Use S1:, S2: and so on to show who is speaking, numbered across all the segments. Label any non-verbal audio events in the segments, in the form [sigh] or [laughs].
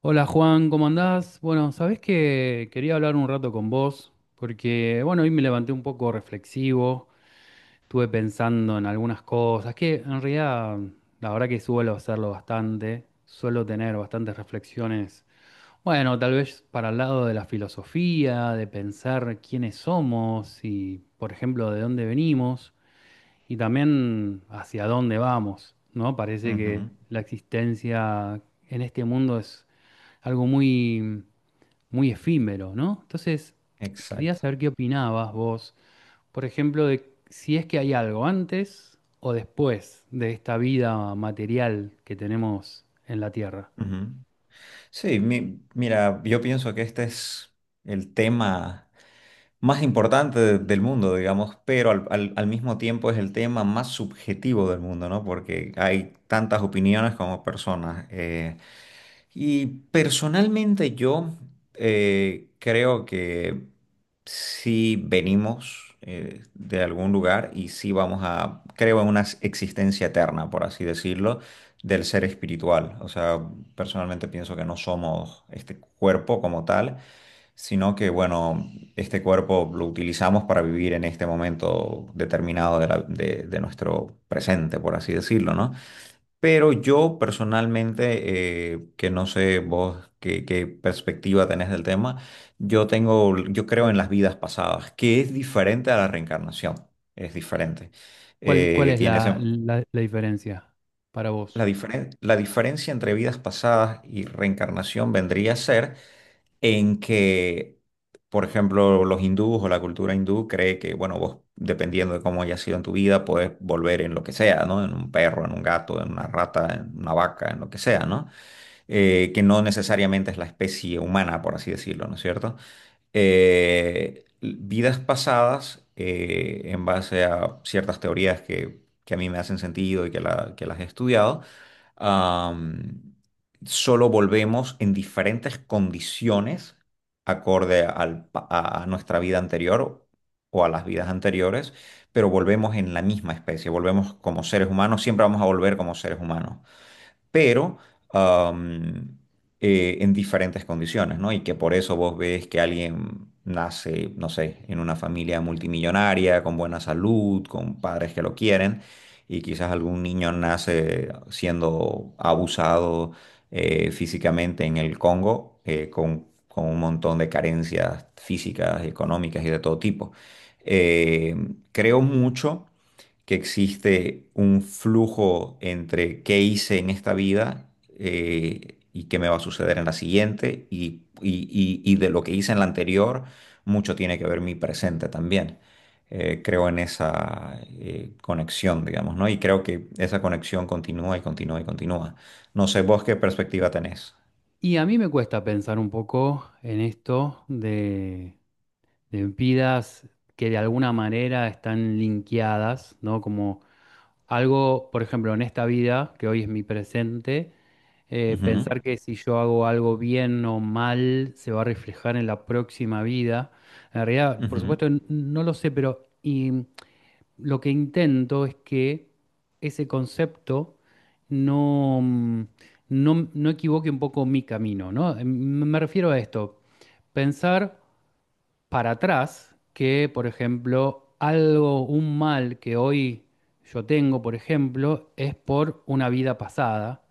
S1: Hola Juan, ¿cómo andás? Bueno, sabés que quería hablar un rato con vos, porque bueno, hoy me levanté un poco reflexivo, estuve pensando en algunas cosas, que en realidad la verdad que suelo hacerlo bastante, suelo tener bastantes reflexiones, bueno, tal vez para el lado de la filosofía, de pensar quiénes somos y, por ejemplo, de dónde venimos. Y también hacia dónde vamos, ¿no? Parece que
S2: Ujú.
S1: la existencia en este mundo es algo muy, muy efímero, ¿no? Entonces, quería
S2: Exacto.
S1: saber qué opinabas vos, por ejemplo, de si es que hay algo antes o después de esta vida material que tenemos en la Tierra.
S2: Ujú. Sí, mira, yo pienso que este es el tema más importante del mundo, digamos, pero al mismo tiempo es el tema más subjetivo del mundo, ¿no? Porque hay tantas opiniones como personas. Y personalmente yo creo que si venimos de algún lugar y si vamos a, creo en una existencia eterna, por así decirlo, del ser espiritual. O sea, personalmente pienso que no somos este cuerpo como tal, sino que, bueno, este cuerpo lo utilizamos para vivir en este momento determinado de, de nuestro presente, por así decirlo, ¿no? Pero yo personalmente, que no sé vos qué, qué perspectiva tenés del tema, yo tengo, yo creo en las vidas pasadas, que es diferente a la reencarnación, es diferente.
S1: ¿Cuál
S2: Eh,
S1: es
S2: tiene ese-
S1: la diferencia para vos?
S2: la diferencia entre vidas pasadas y reencarnación vendría a ser en que, por ejemplo, los hindúes o la cultura hindú cree que, bueno, vos, dependiendo de cómo haya sido en tu vida, puedes volver en lo que sea, ¿no? En un perro, en un gato, en una rata, en una vaca, en lo que sea, ¿no? Que no necesariamente es la especie humana, por así decirlo, ¿no es cierto? Vidas pasadas, en base a ciertas teorías que a mí me hacen sentido y que, que las he estudiado, am, solo volvemos en diferentes condiciones acorde a nuestra vida anterior o a las vidas anteriores, pero volvemos en la misma especie, volvemos como seres humanos, siempre vamos a volver como seres humanos, pero am, en diferentes condiciones, ¿no? Y que por eso vos ves que alguien nace, no sé, en una familia multimillonaria, con buena salud, con padres que lo quieren, y quizás algún niño nace siendo abusado físicamente en el Congo, con un montón de carencias físicas, económicas y de todo tipo. Eh, Creo mucho que existe un flujo entre qué hice en esta vida y qué me va a suceder en la siguiente y, y de lo que hice en la anterior, mucho tiene que ver mi presente también. Creo en esa conexión, digamos, ¿no? Y creo que esa conexión continúa y continúa y continúa. No sé vos qué perspectiva tenés.
S1: Y a mí me cuesta pensar un poco en esto de vidas que de alguna manera están linkeadas, ¿no? Como algo, por ejemplo, en esta vida, que hoy es mi presente,
S2: Ujú,
S1: pensar que si yo hago algo bien o mal, se va a reflejar en la próxima vida. En realidad, por
S2: ujú,
S1: supuesto, no lo sé, pero lo que intento es que ese concepto no, mm, no equivoque un poco mi camino, ¿no? Me refiero a esto, pensar para atrás que, por ejemplo, algo, un mal que hoy yo tengo, por ejemplo, es por una vida pasada,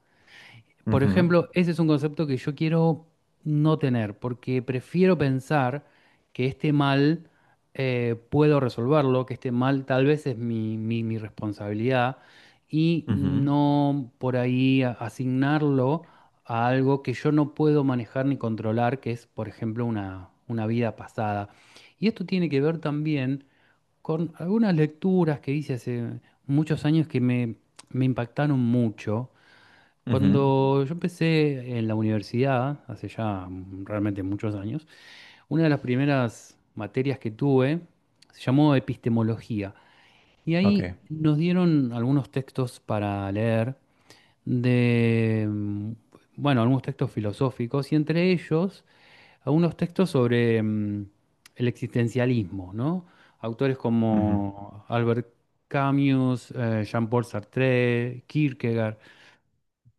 S1: por
S2: ujú,
S1: ejemplo, ese es un concepto que yo quiero no tener, porque prefiero pensar que este mal puedo resolverlo, que este mal tal vez es mi responsabilidad, y
S2: ujú,
S1: no por ahí asignarlo a algo que yo no puedo manejar ni controlar, que es, por ejemplo, una vida pasada. Y esto tiene que ver también con algunas lecturas que hice hace muchos años que me impactaron mucho
S2: ujú.
S1: cuando yo empecé en la universidad, hace ya realmente muchos años, una de las primeras materias que tuve se llamó epistemología. Y
S2: Ok,
S1: ahí nos dieron algunos textos para leer de, mm, bueno, algunos textos filosóficos y entre ellos algunos textos sobre el existencialismo, ¿no? Autores
S2: ujú,
S1: como Albert Camus, Jean-Paul Sartre, Kierkegaard.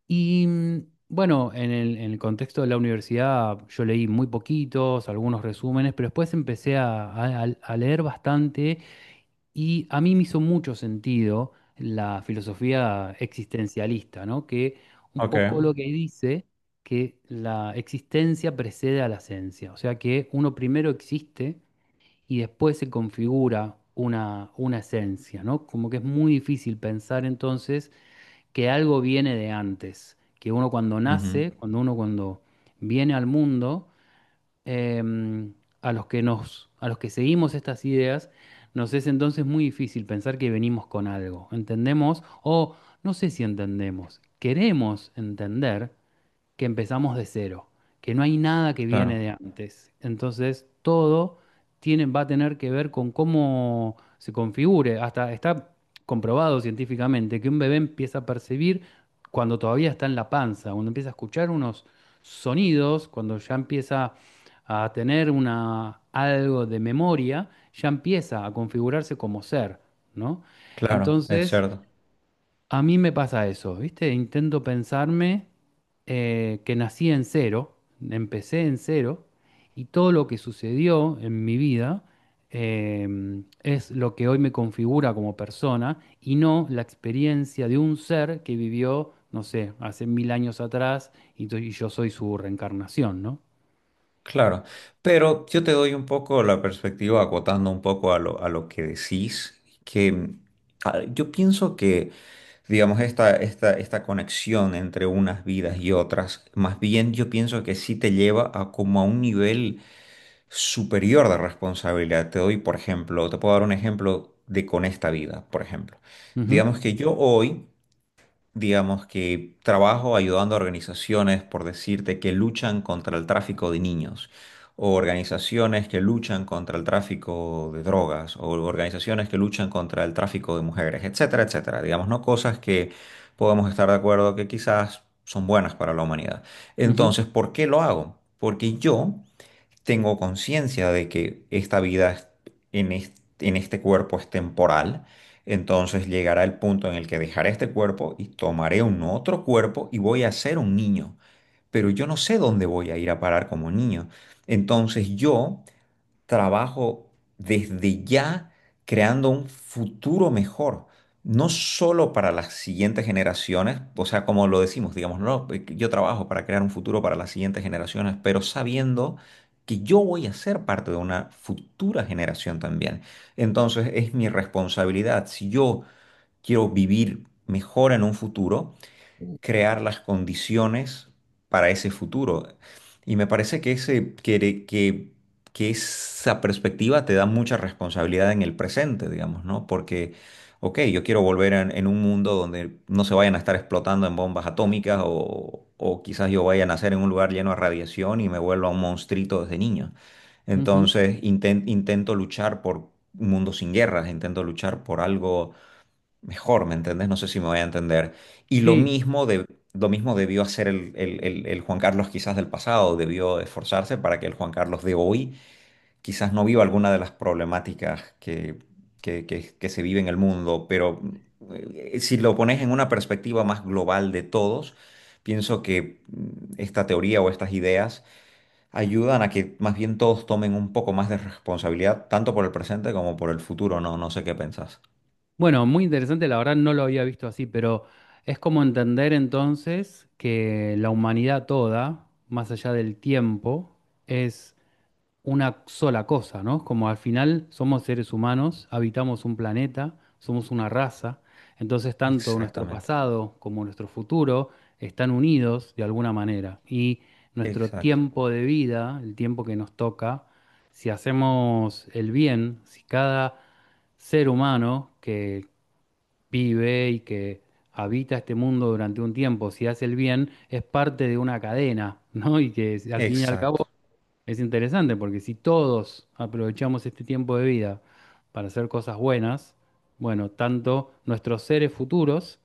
S1: Y bueno, en el contexto de la universidad yo leí muy poquitos, algunos resúmenes, pero después empecé a leer bastante y a mí me hizo mucho sentido la filosofía existencialista, ¿no? Que un
S2: ok,
S1: poco lo que dice, que la existencia precede a la esencia, o sea que uno primero existe y después se configura una esencia, ¿no? Como que es muy difícil pensar entonces que algo viene de antes, que uno cuando
S2: ujú.
S1: nace, cuando viene al mundo, em, a los que seguimos estas ideas, nos es entonces muy difícil pensar que venimos con algo. Entendemos, o no sé si entendemos, queremos entender que empezamos de cero, que no hay nada que viene
S2: Claro,
S1: de antes. Entonces, todo tiene, va a tener que ver con cómo se configure. Hasta está comprobado científicamente que un bebé empieza a percibir cuando todavía está en la panza, cuando empieza a escuchar unos sonidos, cuando ya empieza a tener algo de memoria, ya empieza a configurarse como ser, ¿no?
S2: claro, es
S1: Entonces,
S2: cierto.
S1: a mí me pasa eso, ¿viste? Intento pensarme, que nací en cero, empecé en cero, y todo lo que sucedió en mi vida eh, es lo que hoy me configura como persona y no la experiencia de un ser que vivió, no sé, hace mil años atrás, y yo soy su reencarnación, ¿no?
S2: Claro, pero yo te doy un poco la perspectiva, acotando un poco a lo que decís, que yo pienso que, digamos, esta conexión entre unas vidas y otras, más bien yo pienso que sí te lleva a como a un nivel superior de responsabilidad. Te doy, por ejemplo, te puedo dar un ejemplo de con esta vida, por ejemplo.
S1: Ujú,
S2: Digamos que yo hoy digamos que trabajo ayudando a organizaciones, por decirte, que luchan contra el tráfico de niños, o organizaciones que luchan contra el tráfico de drogas, o organizaciones que luchan contra el tráfico de mujeres, etcétera, etcétera. Digamos, no cosas que podemos estar de acuerdo que quizás son buenas para la humanidad.
S1: ujú,
S2: Entonces, ¿por qué lo hago? Porque yo tengo conciencia de que en en este cuerpo es temporal, entonces llegará el punto en el que dejaré este cuerpo y tomaré un otro cuerpo y voy a ser un niño, pero yo no sé dónde voy a ir a parar como niño. Entonces yo trabajo desde ya creando un futuro mejor, no solo para las siguientes generaciones, o sea, como lo decimos, digamos, no, yo trabajo para crear un futuro para las siguientes generaciones, pero sabiendo que yo voy a ser parte de una futura generación también. Entonces es mi responsabilidad, si yo quiero vivir mejor en un futuro, crear las condiciones para ese futuro. Y me parece que, que esa perspectiva te da mucha responsabilidad en el presente, digamos, ¿no? Porque, ok, yo quiero volver en un mundo donde no se vayan a estar explotando en bombas atómicas o quizás yo vaya a nacer en un lugar lleno de radiación y me vuelva un monstruito desde niño.
S1: ujú.
S2: Entonces, intento luchar por un mundo sin guerras, intento luchar por algo mejor, ¿me entendés? No sé si me voy a entender. Y lo
S1: Sí,
S2: mismo, de, lo mismo debió hacer el Juan Carlos quizás del pasado, debió esforzarse para que el Juan Carlos de hoy quizás no viva alguna de las problemáticas que, que se vive en el mundo, pero si lo pones en una perspectiva más global de todos, pienso que esta teoría o estas ideas ayudan a que más bien todos tomen un poco más de responsabilidad, tanto por el presente como por el futuro, ¿no? No sé qué pensás.
S1: bueno, muy interesante, la verdad no lo había visto así, pero es como entender entonces que la humanidad toda, más allá del tiempo, es una sola cosa, ¿no? Como al final somos seres humanos, habitamos un planeta, somos una raza, entonces tanto nuestro
S2: Exactamente.
S1: pasado como nuestro futuro están unidos de alguna manera. Y nuestro
S2: Exacto.
S1: tiempo de vida, el tiempo que nos toca, si hacemos el bien, si cada ser humano que vive y que habita este mundo durante un tiempo, si hace el bien, es parte de una cadena, [laughs] ¿no? Y que al fin y al cabo
S2: Exacto.
S1: es interesante, porque si todos aprovechamos este tiempo de vida para hacer cosas buenas, bueno, tanto nuestros seres futuros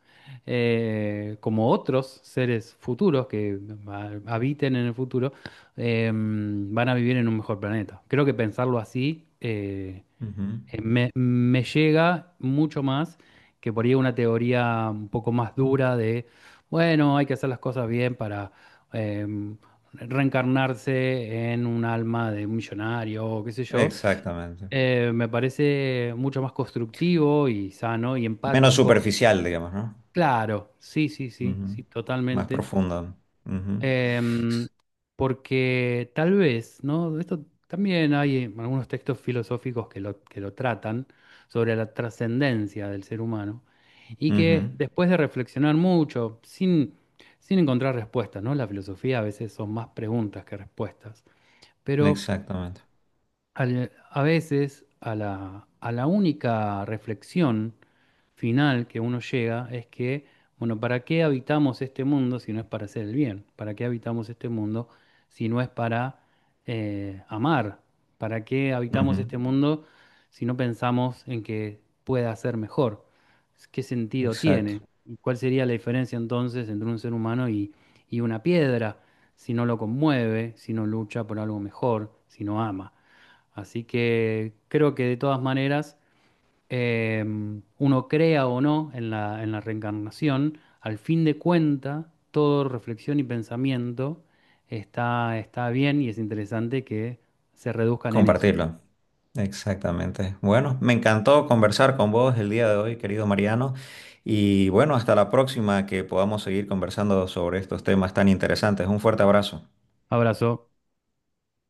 S1: como otros seres futuros que habiten en el futuro, van a vivir en un mejor planeta. Creo que pensarlo así,
S2: Ujú.
S1: me llega mucho más que por ahí una teoría un poco más dura de, bueno, hay que hacer las cosas bien para em, reencarnarse en un alma de un millonario o qué sé yo.
S2: Exactamente.
S1: Me parece mucho más constructivo y sano y
S2: Menos
S1: empático.
S2: superficial, digamos, ¿no?
S1: Claro, sí, sí, sí,
S2: Ujú.
S1: sí,
S2: Más
S1: totalmente.
S2: profundo, ¿no? Ujú.
S1: Em, Porque tal vez, ¿no? Esto también hay en algunos textos filosóficos que lo tratan, sobre la trascendencia del ser humano y
S2: Ujú.
S1: que después de reflexionar mucho, sin encontrar respuestas, ¿no? La filosofía a veces son más preguntas que respuestas, pero
S2: Exactamente.
S1: a veces a la única reflexión final que uno llega es que, bueno, ¿para qué habitamos este mundo si no es para hacer el bien? ¿Para qué habitamos este mundo si no es para amar? ¿Para qué habitamos
S2: Ujú.
S1: este mundo si no pensamos en que pueda ser mejor? ¿Qué sentido tiene?
S2: Exacto.
S1: ¿Y cuál sería la diferencia entonces entre un ser humano y una piedra si no lo conmueve, si no lucha por algo mejor, si no ama? Así que creo que de todas maneras, eh, uno crea o no en la, en la reencarnación, al fin de cuenta, todo reflexión y pensamiento está bien y es interesante que se reduzcan en eso.
S2: Compartirlo. Exactamente. Bueno, me encantó conversar con vos el día de hoy, querido Mariano. Y bueno, hasta la próxima que podamos seguir conversando sobre estos temas tan interesantes. Un fuerte abrazo.
S1: Abrazo.